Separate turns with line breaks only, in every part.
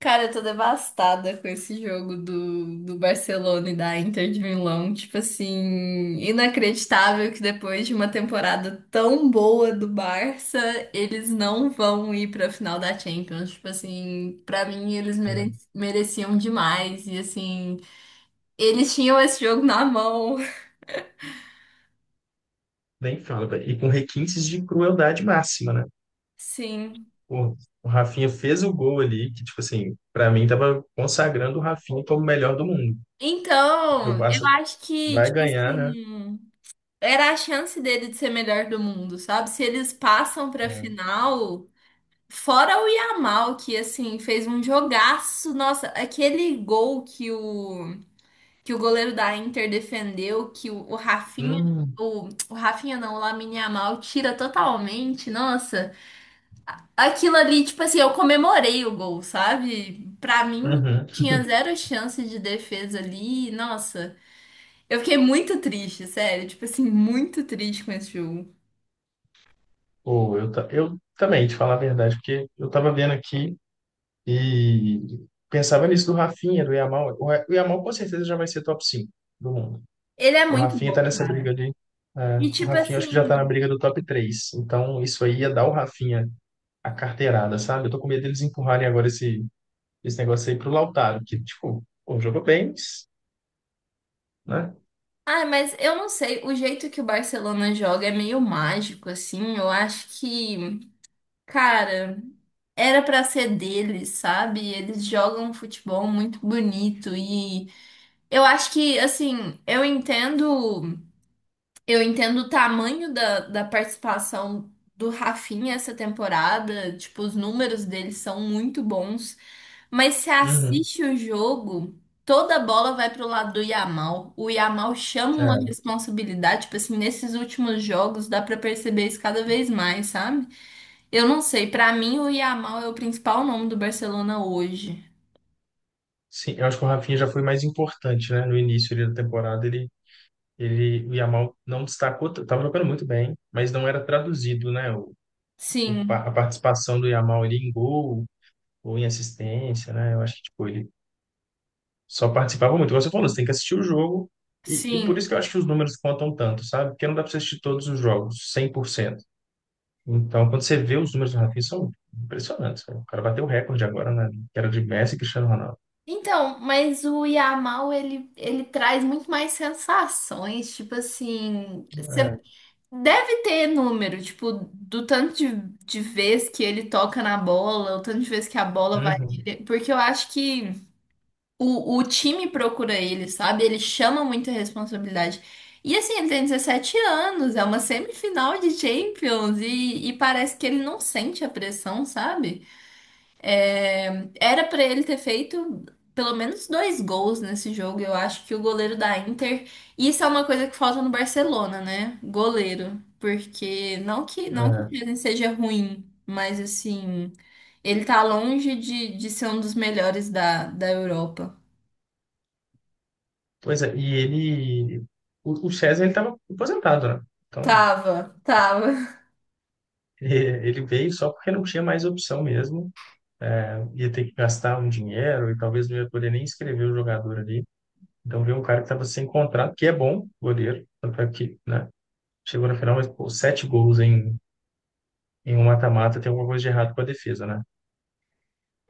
Cara, eu tô devastada com esse jogo do Barcelona e da Inter de Milão. Tipo assim, inacreditável que depois de uma temporada tão boa do Barça, eles não vão ir pra final da Champions. Tipo assim, pra mim eles mere-
Não,
mereciam demais. E assim, eles tinham esse jogo na mão.
nem fala, velho. E com requintes de crueldade máxima, né?
Sim.
Pô, o Rafinha fez o gol ali, que, tipo assim, pra mim tava consagrando o Rafinha como o melhor do mundo. Porque o
Então, eu
Barça
acho que,
vai
tipo
ganhar, né?
assim, era a chance dele de ser melhor do mundo, sabe? Se eles passam pra final. Fora o Yamal, que assim fez um jogaço. Nossa, aquele gol que o goleiro da Inter defendeu, que
Hum.
o Rafinha não, o Lamine Yamal tira totalmente. Nossa, aquilo ali, tipo assim, eu comemorei o gol, sabe? Pra mim,
Uhum.
tinha zero chance de defesa ali. Nossa, eu fiquei muito triste, sério. Tipo assim, muito triste com esse jogo.
Pô, eu também, te falar a verdade, porque eu tava vendo aqui e pensava nisso do Rafinha, do Yamal. O Yamal com certeza já vai ser top 5 do mundo.
Ele é
O
muito
Rafinha
bom,
tá nessa briga
cara.
ali. É,
E
o
tipo
Rafinha acho que
assim.
já tá na briga do top 3. Então, isso aí ia dar o Rafinha a carteirada, sabe? Eu tô com medo deles empurrarem agora esse negócio aí pro Lautaro, que, tipo, pô, jogou bem, mas, né?
Ah, mas eu não sei, o jeito que o Barcelona joga é meio mágico, assim. Eu acho que, cara, era pra ser deles, sabe? Eles jogam um futebol muito bonito e eu acho que, assim, eu entendo. Eu entendo o tamanho da participação do Rafinha essa temporada, tipo, os números dele são muito bons, mas se
Uhum.
assiste o jogo, toda a bola vai pro lado do Yamal. O Yamal chama uma
É.
responsabilidade, tipo assim, nesses últimos jogos dá pra perceber isso cada vez mais, sabe? Eu não sei, pra mim o Yamal é o principal nome do Barcelona hoje.
Sim, eu acho que o Rafinha já foi mais importante, né? No início ali da temporada, o Yamal não destacou, tava jogando muito bem, mas não era traduzido, né? O, o pa-
Sim,
a participação do Yamal ali em gol ou em assistência, né? Eu acho que, tipo, ele só participava muito. Como você falou, você tem que assistir o jogo, e por isso
sim.
que eu acho que os números contam tanto, sabe? Porque não dá pra você assistir todos os jogos, 100%. Então, quando você vê os números do Rafinha, são impressionantes, cara. O cara bateu o recorde agora, né? Que era de Messi e Cristiano Ronaldo.
Então, mas o Yamal, ele traz muito mais sensações, tipo assim, você
É.
deve ter número, tipo, do tanto de vez que ele toca na bola, o tanto de vez que a bola vai
Uhum,
nele, porque eu acho que o time procura ele, sabe? Ele chama muita responsabilidade. E assim, ele tem 17 anos, é uma semifinal de Champions, e parece que ele não sente a pressão, sabe? É, era para ele ter feito pelo menos 2 gols nesse jogo. Eu acho que o goleiro da Inter. Isso é uma coisa que falta no Barcelona, né? Goleiro. Porque não que não que o
é.
Chesney seja ruim, mas assim, ele tá longe de ser um dos melhores da, da Europa.
Pois é, e ele... O César, ele estava aposentado, né? Então,
Tava, tava.
e- ele veio só porque não tinha mais opção mesmo. Ia ter que gastar um dinheiro e talvez não ia poder nem inscrever o jogador ali. Então, veio um cara que estava sem contrato, que é bom, goleiro, tanto é que, né? Chegou na final, mas, pô, sete gols em, em um mata-mata, tem alguma coisa de errado com a defesa, né?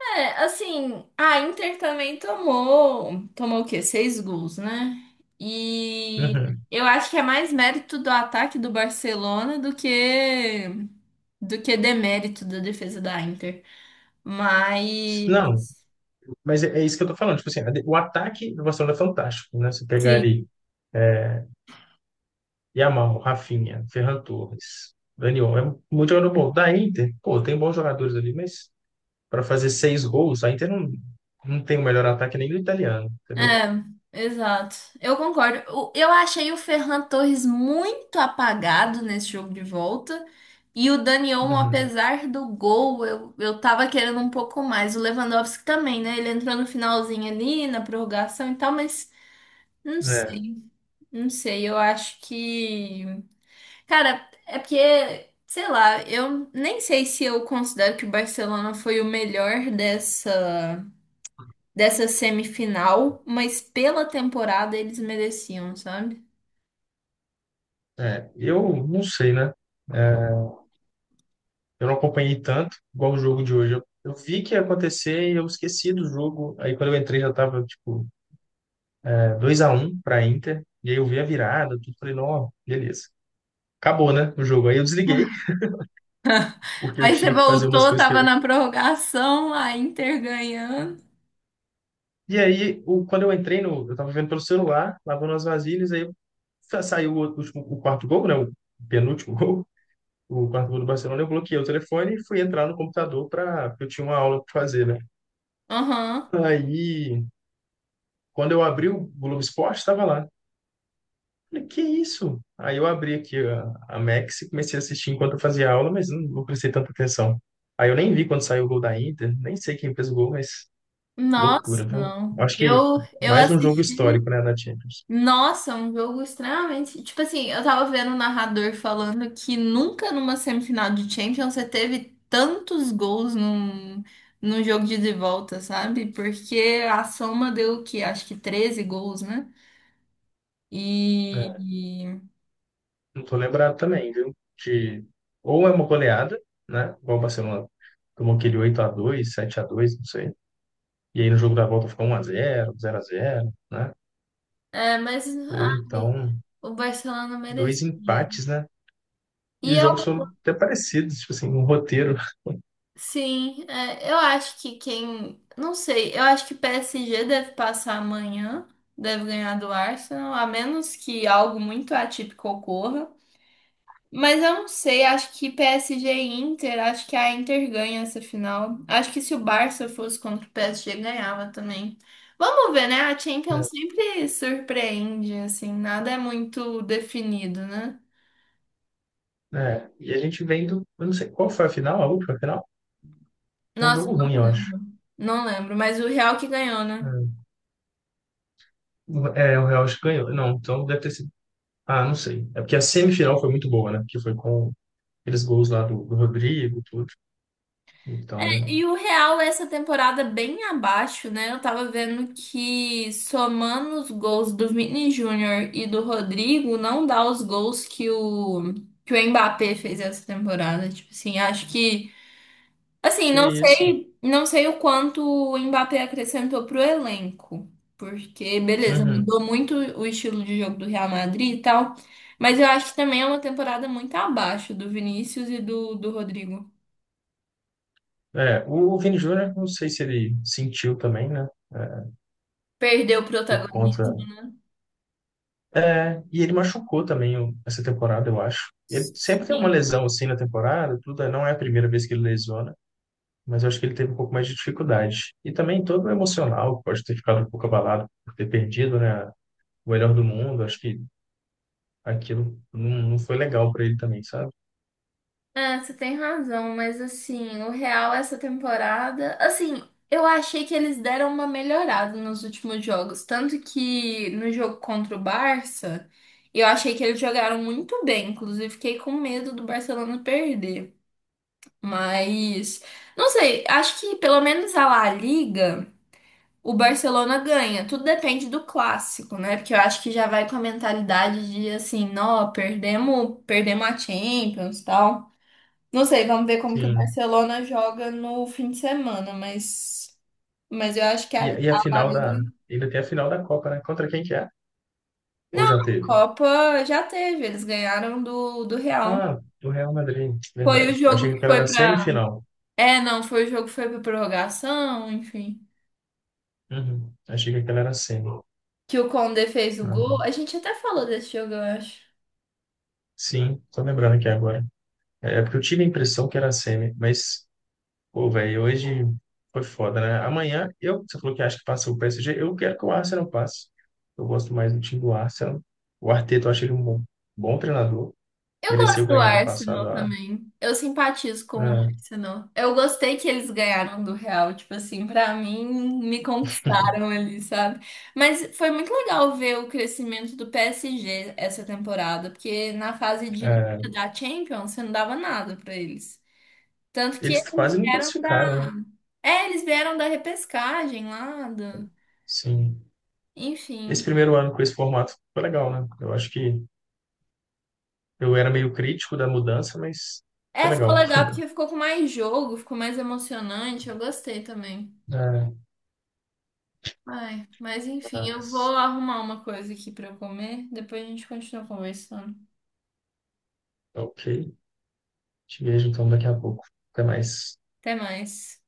É, assim, a Inter também tomou, tomou o quê? 6 gols, né? E
Uhum.
eu acho que é mais mérito do ataque do Barcelona do que demérito da defesa da Inter.
Não,
Mas
mas é isso que eu tô falando. Tipo assim, né, o ataque do Barcelona é fantástico, né? Você pegar
sim,
ali Yamal, Rafinha, Ferran Torres, Daniel, é muito jogador bom. Da Inter, pô, tem bons jogadores ali, mas para fazer seis gols, a Inter não, não tem o melhor ataque nem do italiano, entendeu?
é, exato. Eu concordo. O- Eu achei o Ferran Torres muito apagado nesse jogo de volta. E o Dani Olmo,
Uhum.
apesar do gol, eu tava querendo um pouco mais. O Lewandowski também, né? Ele entrou no finalzinho ali, na prorrogação e tal, mas não
É,
sei, não sei. Eu acho que. Cara, é porque, sei lá, eu nem sei se eu considero que o Barcelona foi o melhor dessa dessa semifinal, mas pela temporada eles mereciam, sabe?
eu não sei, né? É, eu não acompanhei tanto, igual o jogo de hoje. Eu vi que ia acontecer e eu esqueci do jogo. Aí quando eu entrei já tava, tipo, é, 2-1 para Inter. E aí eu vi a virada, tudo. Falei, não, beleza, acabou, né, o jogo. Aí eu desliguei, porque eu
Aí você
tinha que fazer umas
voltou,
coisas que
tava
eu...
na prorrogação, a Inter ganhando.
E aí, o, quando eu entrei no... Eu tava vendo pelo celular, lavando as vasilhas, aí saiu o último, o quarto gol, né, o penúltimo gol, o quarto gol do Barcelona. Eu bloqueei o telefone e fui entrar no computador, para eu tinha uma aula para fazer, né.
Aham.
Aí, quando eu abri o Globo Esporte, estava lá. Falei, que isso? Aí eu abri aqui a Max e comecei a assistir enquanto eu fazia aula, mas não, não prestei tanta atenção. Aí eu nem vi quando saiu o gol da Inter, nem sei quem fez o gol, mas... Loucura,
Nossa,
viu?
não.
Acho que
Eu
mais um jogo
assisti.
histórico, né, na Champions.
Nossa, um jogo extremamente. Tipo assim, eu tava vendo o narrador falando que nunca numa semifinal de Champions você teve tantos gols num, num jogo de ida e volta, sabe? Porque a soma deu o quê? Acho que 13 gols, né?
É,
E.
não tô lembrado também, viu? Ou é uma goleada, né? Igual o Barcelona tomou aquele 8-2, 7-2, não sei. E aí no jogo da volta ficou 1-0, 0-0, né?
É, mas
Ou
ai,
então
o Barcelona merecia.
dois empates, né? E
E
os
eu,
jogos foram até parecidos, tipo assim, um roteiro.
sim, é, eu acho que quem. Não sei, eu acho que PSG deve passar amanhã, deve ganhar do Arsenal, a menos que algo muito atípico ocorra. Mas eu não sei, acho que PSG e Inter, acho que a Inter ganha essa final. Acho que se o Barça fosse contra o PSG, ganhava também. Vamos ver, né? A
Né?
Champions sempre surpreende, assim, nada é muito definido, né?
É, e a gente vendo, eu não sei qual foi a final, a última final? Foi um
Nossa,
jogo ruim,
não
eu acho.
lembro. Não lembro, mas o Real que ganhou, né?
É, o Real acho que ganhou. Não, então deve ter sido... Ah, não sei. É porque a semifinal foi muito boa, né? Porque foi com aqueles gols lá do Rodrigo, tudo. Então,
E o Real, essa temporada bem abaixo, né? Eu tava vendo que somando os gols do Vini Júnior e do Rodrigo, não dá os gols que o Mbappé fez essa temporada. Tipo assim, acho que assim,
que
não
isso.
sei, não sei o quanto o Mbappé acrescentou pro elenco, porque beleza,
Uhum.
mudou muito o estilo de jogo do Real Madrid e tal, mas eu acho que também é uma temporada muito abaixo do Vinícius e do Rodrigo.
É, o Vini Júnior, não sei se ele sentiu também, né? É,
Perdeu o
por
protagonismo.
conta. É, e ele machucou também essa temporada, eu acho. Ele sempre tem uma lesão assim na temporada, tudo. É, não é a primeira vez que ele lesiona, mas eu acho que ele teve um pouco mais de dificuldade. E também todo o emocional, pode ter ficado um pouco abalado por ter perdido, né? O melhor do mundo. Acho que aquilo não, não foi legal para ele também, sabe?
É, você tem razão, mas assim, o Real essa temporada, assim, eu achei que eles deram uma melhorada nos últimos jogos, tanto que no jogo contra o Barça, eu achei que eles jogaram muito bem, inclusive fiquei com medo do Barcelona perder. Mas não sei, acho que pelo menos a La Liga, o Barcelona ganha. Tudo depende do clássico, né? Porque eu acho que já vai com a mentalidade de assim, não, perdemos, perdemos a Champions, tal. Não sei, vamos ver como que o
Sim.
Barcelona joga no fim de semana, mas eu acho que
E,
a,
e a
a La
final da...
Liga.
Ainda tem a final da Copa, né? Contra quem que é? Ou
Não,
já
a
teve?
Copa já teve, eles ganharam do Real.
Ah, do Real Madrid,
Foi o
verdade. Eu achei
jogo
que
que
aquela
foi
era
pra.
semifinal.
É, não, foi o jogo que foi pra prorrogação, enfim.
Uhum. Achei que aquela era semi.
Que o Conde fez o
Ah,
gol.
não.
A gente até falou desse jogo, eu acho.
Sim, tô lembrando aqui agora. É porque eu tive a impressão que era semi, mas, pô, velho, hoje foi foda, né? Amanhã, eu, você falou que acha que passa o PSG, eu quero que o Arsenal passe. Eu gosto mais do time do Arsenal. O Arteta, eu acho ele um bom, bom treinador.
Eu
Mereceu
gosto do
ganhar no passado
Arsenal também. Eu simpatizo com o
a-
Arsenal. Eu gostei que eles ganharam do Real, tipo assim, pra mim me conquistaram ali, sabe? Mas foi muito legal ver o crescimento do PSG essa temporada, porque na fase de
a-
da Champions você não dava nada pra eles. Tanto que
eles
eles
quase não
vieram da,
classificaram, né?
é, eles vieram da repescagem lá, do...
Sim. Esse
enfim.
primeiro ano com esse formato foi legal, né? Eu acho que eu era meio crítico da mudança, mas foi
É, ficou
legal.
legal porque ficou com mais jogo, ficou mais emocionante. Eu gostei também.
É,
Ai, mas enfim, eu vou
mas,
arrumar uma coisa aqui pra eu comer. Depois a gente continua conversando.
ok. Te vejo então daqui a pouco. Até mais.
Até mais.